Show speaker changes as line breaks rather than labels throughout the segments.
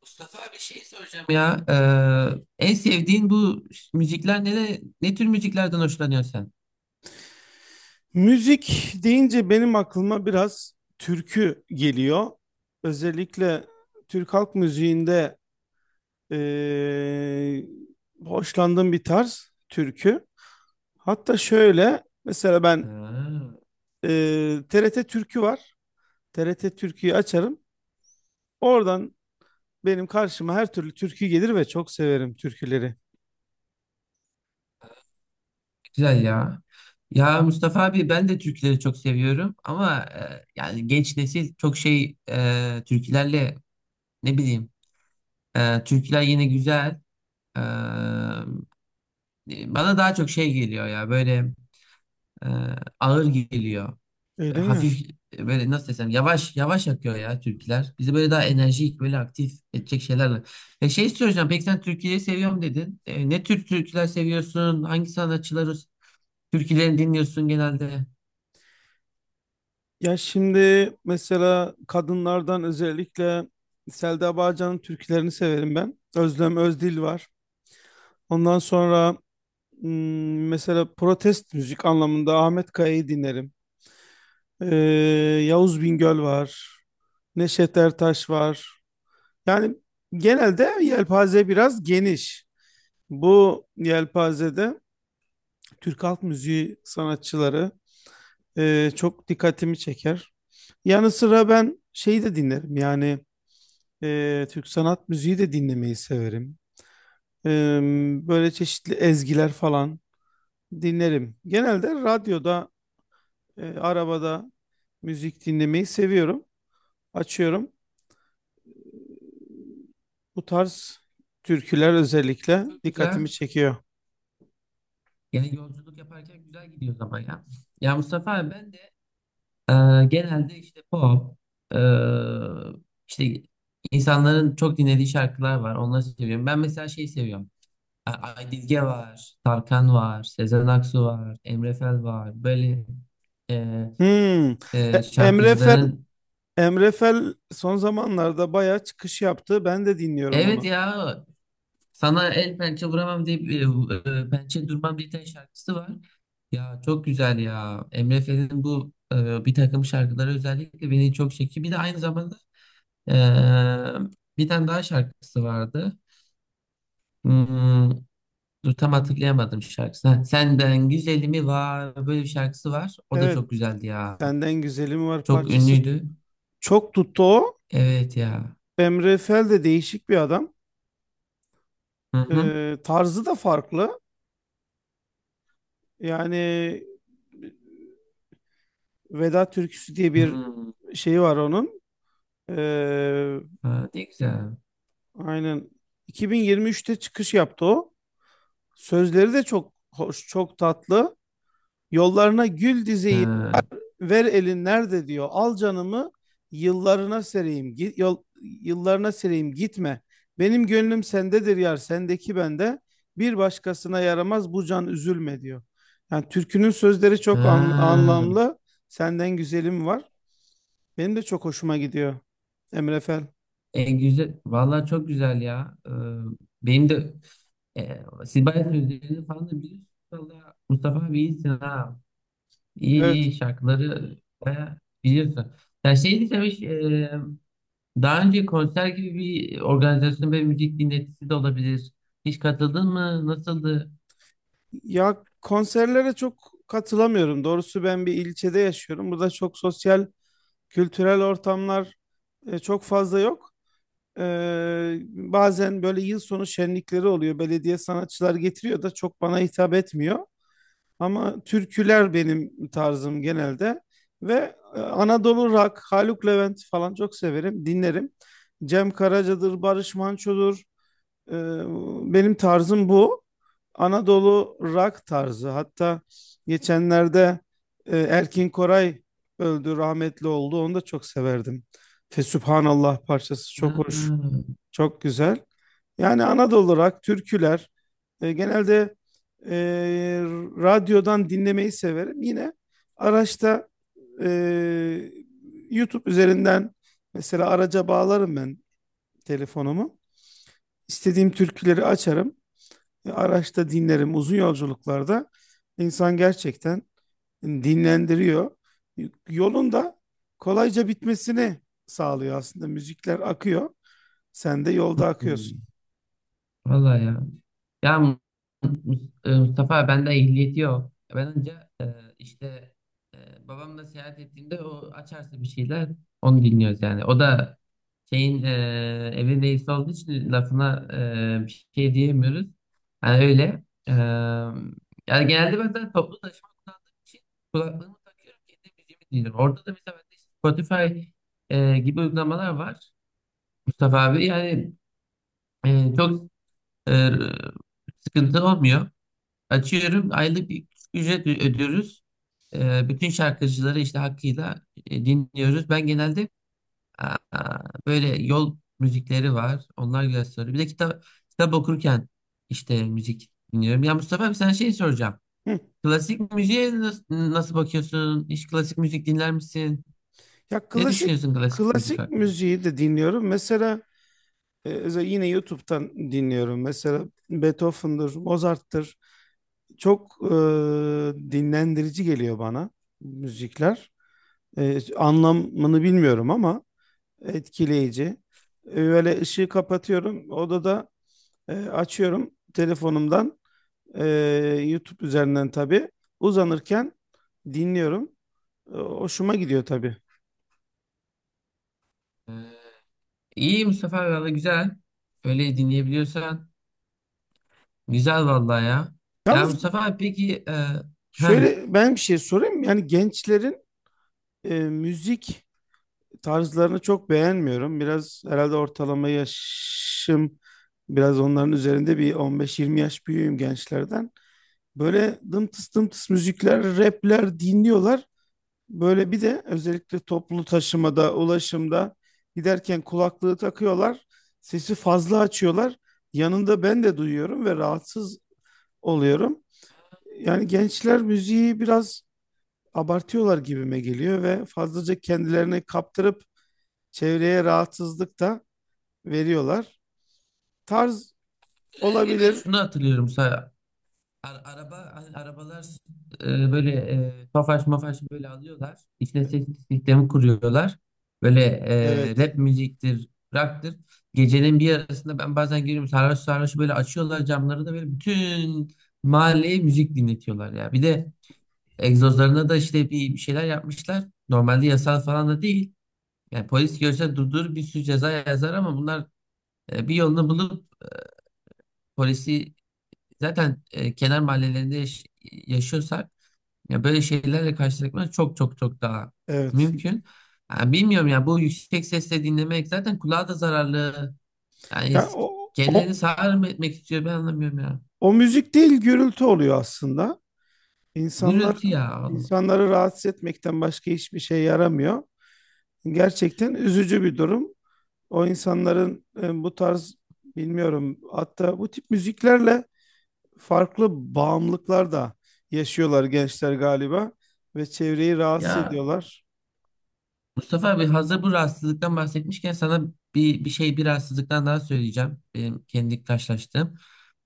Mustafa bir şey soracağım ya. En sevdiğin bu müzikler ne, ne tür müziklerden hoşlanıyorsun sen?
Müzik deyince benim aklıma biraz türkü geliyor. Özellikle Türk halk müziğinde eee, hoşlandığım bir tarz türkü. Hatta şöyle mesela ben
Ha,
TRT Türkü var. TRT Türkü'yü açarım. Oradan benim karşıma her türlü türkü gelir ve çok severim türküleri.
güzel ya. Ya Mustafa abi ben de türküleri çok seviyorum ama yani genç nesil çok türkülerle ne bileyim, türküler yine güzel. E, Bana daha çok şey geliyor ya böyle, e, ağır geliyor.
Öyle mi?
Hafif, böyle nasıl desem yavaş yavaş akıyor ya türküler. Bizi böyle daha enerjik böyle aktif edecek şeylerle. Şey soracağım, peki sen türküleri seviyorum dedin. Ne tür türküler seviyorsun? Hangi sanatçıları türkülerini dinliyorsun genelde?
Ya şimdi mesela kadınlardan özellikle Selda Bağcan'ın türkülerini severim ben. Özlem Özdil var. Ondan sonra mesela protest müzik anlamında Ahmet Kaya'yı dinlerim. Ee, Yavuz Bingöl var. Neşet Ertaş var. Yani genelde yelpaze biraz geniş. Bu yelpazede Türk halk müziği sanatçıları çok dikkatimi çeker. Yanı sıra ben şeyi de dinlerim, yani Türk sanat müziği de dinlemeyi severim. Ee, böyle çeşitli ezgiler falan dinlerim. Genelde radyoda, arabada müzik dinlemeyi seviyorum. Açıyorum. Bu tarz türküler özellikle
Çok güzel.
dikkatimi çekiyor.
Yani yolculuk yaparken güzel gidiyor zaman ya. Ya Mustafa abi ben de genelde işte pop, e, işte insanların çok dinlediği şarkılar var. Onları seviyorum. Ben mesela şeyi seviyorum. Aydilge var, Tarkan var, Sezen Aksu var, Emre Fel var. Böyle e,
Hmm. E- Emre Fer
şarkıcıların
Emre Fel son zamanlarda bayağı çıkış yaptı. Ben de dinliyorum
evet
onu.
ya, sana el pençe vuramam deyip pençe durmam bir tane şarkısı var. Ya çok güzel ya. Emre Fel'in bu bir takım şarkıları özellikle beni çok çekiyor. Bir de aynı zamanda e, bir tane daha şarkısı vardı. Hmm, dur tam hatırlayamadım şarkısını. Ha, Senden Güzelim'i var böyle bir şarkısı var. O da çok
Evet,
güzeldi ya.
Senden Güzelim Var
Çok
parçası
ünlüydü.
çok tuttu o.
Evet ya.
Emre Fel de değişik bir adam.
Hı hı.
Tarzı da farklı. Yani Veda Türküsü diye bir
Hmm.
şey var onun. Ee,
Ha, ne güzel.
aynen 2023'te çıkış yaptı o. Sözleri de çok hoş, çok tatlı. Yollarına gül dizeyim,
Ha.
ver elin nerede diyor. Al canımı yıllarına sereyim. Git, yol, yıllarına sereyim gitme. Benim gönlüm sendedir yar, sendeki bende. Bir başkasına yaramaz bu can, üzülme diyor. Yani türkünün sözleri çok
Ha.
anlamlı. Senden güzelim var. Benim de çok hoşuma gidiyor Emre Fel.
Güzel. Vallahi çok güzel ya. Benim de, siz bayağı sözlerini falan da biliyorsunuz. Valla Mustafa abi iyisin ha. İyi
Evet.
iyi şarkıları bayağı biliyorsun. Ya şey diyeceğim, hiç, daha önce konser gibi bir organizasyon ve müzik dinletisi de olabilir. Hiç katıldın mı? Nasıldı?
Ya konserlere çok katılamıyorum. Doğrusu ben bir ilçede yaşıyorum. Burada çok sosyal, kültürel ortamlar çok fazla yok. Bazen böyle yıl sonu şenlikleri oluyor. Belediye sanatçılar getiriyor da çok bana hitap etmiyor. Ama türküler benim tarzım genelde. Ve Anadolu rock, Haluk Levent falan çok severim, dinlerim. Cem Karaca'dır, Barış Manço'dur. Ee, benim tarzım bu. Anadolu rock tarzı. Hatta geçenlerde Erkin Koray öldü, rahmetli oldu. Onu da çok severdim. Fesübhanallah parçası çok
Ha.
hoş. Çok güzel. Yani Anadolu rock, türküler. Genelde e, radyodan dinlemeyi severim. Yine araçta e, YouTube üzerinden mesela araca bağlarım ben telefonumu. İstediğim türküleri açarım. Araçta dinlerim. Uzun yolculuklarda insan gerçekten dinlendiriyor. Yolunda kolayca bitmesini sağlıyor aslında. Müzikler akıyor. Sen de yolda akıyorsun.
Hmm. Vallahi ya. Ya Mustafa, bende ehliyeti yok. Ben önce e, işte, babamla seyahat ettiğimde o açarsa bir şeyler onu dinliyoruz yani. O da evin reisi olduğu için lafına bir şey diyemiyoruz. Yani öyle. Yani genelde ben zaten toplu taşıma kullandığım için kulaklığımı takıyorum, kendi müziğimi dinliyorum. Orada da mesela bende işte Spotify gibi uygulamalar var Mustafa abi. Yani çok e, sıkıntı olmuyor. Açıyorum, aylık bir ücret ödüyoruz. Bütün şarkıcıları işte hakkıyla dinliyoruz. Ben genelde, aa, böyle yol müzikleri var. Onlar güzel söylüyor. Bir de kitap okurken işte müzik dinliyorum. Ya Mustafa abi sana şey soracağım. Klasik müziğe nasıl bakıyorsun? Hiç klasik müzik dinler misin?
Ya
Ne
klasik
düşünüyorsun klasik müzik
klasik
hakkında?
müziği de dinliyorum. Mesela yine YouTube'dan dinliyorum. Mesela Beethoven'dır, Mozart'tır. Çok dinlendirici geliyor bana müzikler. Anlamını bilmiyorum ama etkileyici. Böyle ışığı kapatıyorum. Odada açıyorum telefonumdan. e, YouTube üzerinden tabii. Uzanırken dinliyorum. Hoşuma gidiyor tabii.
Ee, iyi Mustafa abi, valla güzel. Öyle dinleyebiliyorsan. Güzel vallahi ya. Ya
Yalnız,
Mustafa abi peki, heh,
şöyle ben bir şey sorayım. Yani gençlerin müzik tarzlarını çok beğenmiyorum. Biraz herhalde ortalama yaşım biraz onların üzerinde, bir 15-20 yaş büyüğüm gençlerden. Böyle dımtıs dımtıs müzikler, rapler dinliyorlar. Böyle bir de özellikle toplu taşımada, ulaşımda giderken kulaklığı takıyorlar. Sesi fazla açıyorlar. Yanında ben de duyuyorum ve rahatsız oluyorum. Yani gençler müziği biraz abartıyorlar gibime geliyor ve fazlaca kendilerini kaptırıp çevreye rahatsızlık da veriyorlar. Tarz
özellikle ben
olabilir.
şunu hatırlıyorum. Araba, hani arabalar, böyle tofaş mafaş böyle alıyorlar. İşte ses sistemi kuruyorlar. Böyle
Evet.
rap müziktir, rock'tır. Gecenin bir yarısında ben bazen görüyorum, sarhoş sarhoş böyle açıyorlar camları da, böyle bütün mahalleye müzik dinletiyorlar ya. Bir de egzozlarına da işte bir şeyler yapmışlar. Normalde yasal falan da değil. Yani polis görse durdur, bir sürü ceza yazar, ama bunlar bir yolunu bulup polisi... Zaten kenar mahallelerinde yaşıyorsak ya böyle şeylerle karşılaşmak çok çok çok daha
Evet.
mümkün. Ha, bilmiyorum ya, bu yüksek sesle dinlemek zaten kulağa da zararlı. Yani
Ya o,
kendilerini
o,
sağır mı etmek istiyor, ben anlamıyorum ya.
o müzik değil, gürültü oluyor aslında. İnsanlar
Gürültü ya Allah.
insanları rahatsız etmekten başka hiçbir şey yaramıyor. Gerçekten üzücü bir durum. O insanların bu tarz, bilmiyorum, hatta bu tip müziklerle farklı bağımlılıklar da yaşıyorlar gençler galiba ve çevreyi rahatsız
Ya
ediyorlar.
Mustafa abi, hazır bu rahatsızlıktan bahsetmişken sana bir şey, bir rahatsızlıktan daha söyleyeceğim. Benim kendi karşılaştığım.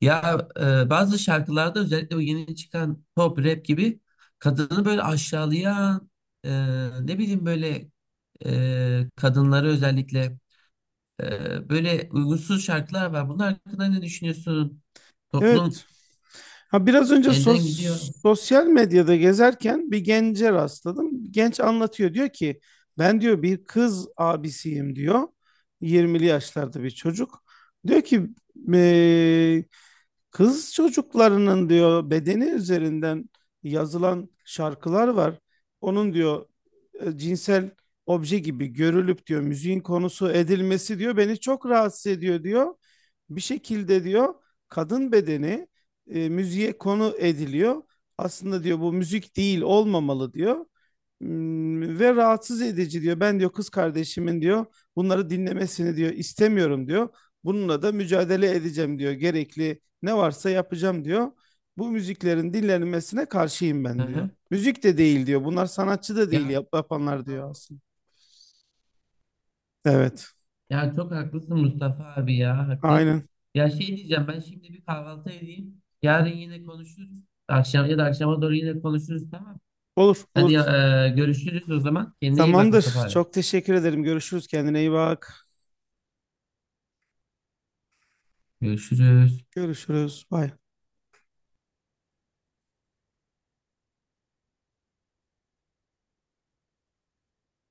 Ya bazı şarkılarda özellikle o yeni çıkan pop rap gibi, kadını böyle aşağılayan, e, ne bileyim böyle, kadınları özellikle böyle uygunsuz şarkılar var. Bunun hakkında ne düşünüyorsun? Toplum
Evet. Ha, biraz önce
elden gidiyor.
sosyal medyada gezerken bir gence rastladım. Genç anlatıyor, diyor ki ben diyor bir kız abisiyim diyor. 20'li yaşlarda bir çocuk. Diyor ki: "Eee, kız çocuklarının diyor bedeni üzerinden yazılan şarkılar var. Onun diyor cinsel obje gibi görülüp diyor müziğin konusu edilmesi diyor beni çok rahatsız ediyor diyor. Bir şekilde diyor kadın bedeni müziğe konu ediliyor. Aslında diyor bu müzik değil, olmamalı diyor. Ve rahatsız edici diyor. Ben diyor kız kardeşimin diyor bunları dinlemesini diyor istemiyorum diyor. Bununla da mücadele edeceğim diyor. Gerekli ne varsa yapacağım diyor. Bu müziklerin dinlenmesine karşıyım
Hı
ben diyor.
hı.
Müzik de değil diyor. Bunlar sanatçı da değil
Ya
yapanlar diyor aslında. Evet.
Ya çok haklısın Mustafa abi ya, hakikaten.
Aynen.
Ya şey diyeceğim, ben şimdi bir kahvaltı edeyim. Yarın yine konuşuruz. Akşam ya da akşama doğru yine konuşuruz, tamam.
Olur,
Hadi
olur.
ya, görüşürüz o zaman. Kendine iyi bak Mustafa
Tamamdır.
abi.
Çok teşekkür ederim. Görüşürüz. Kendine iyi bak.
Görüşürüz.
Görüşürüz. Bay.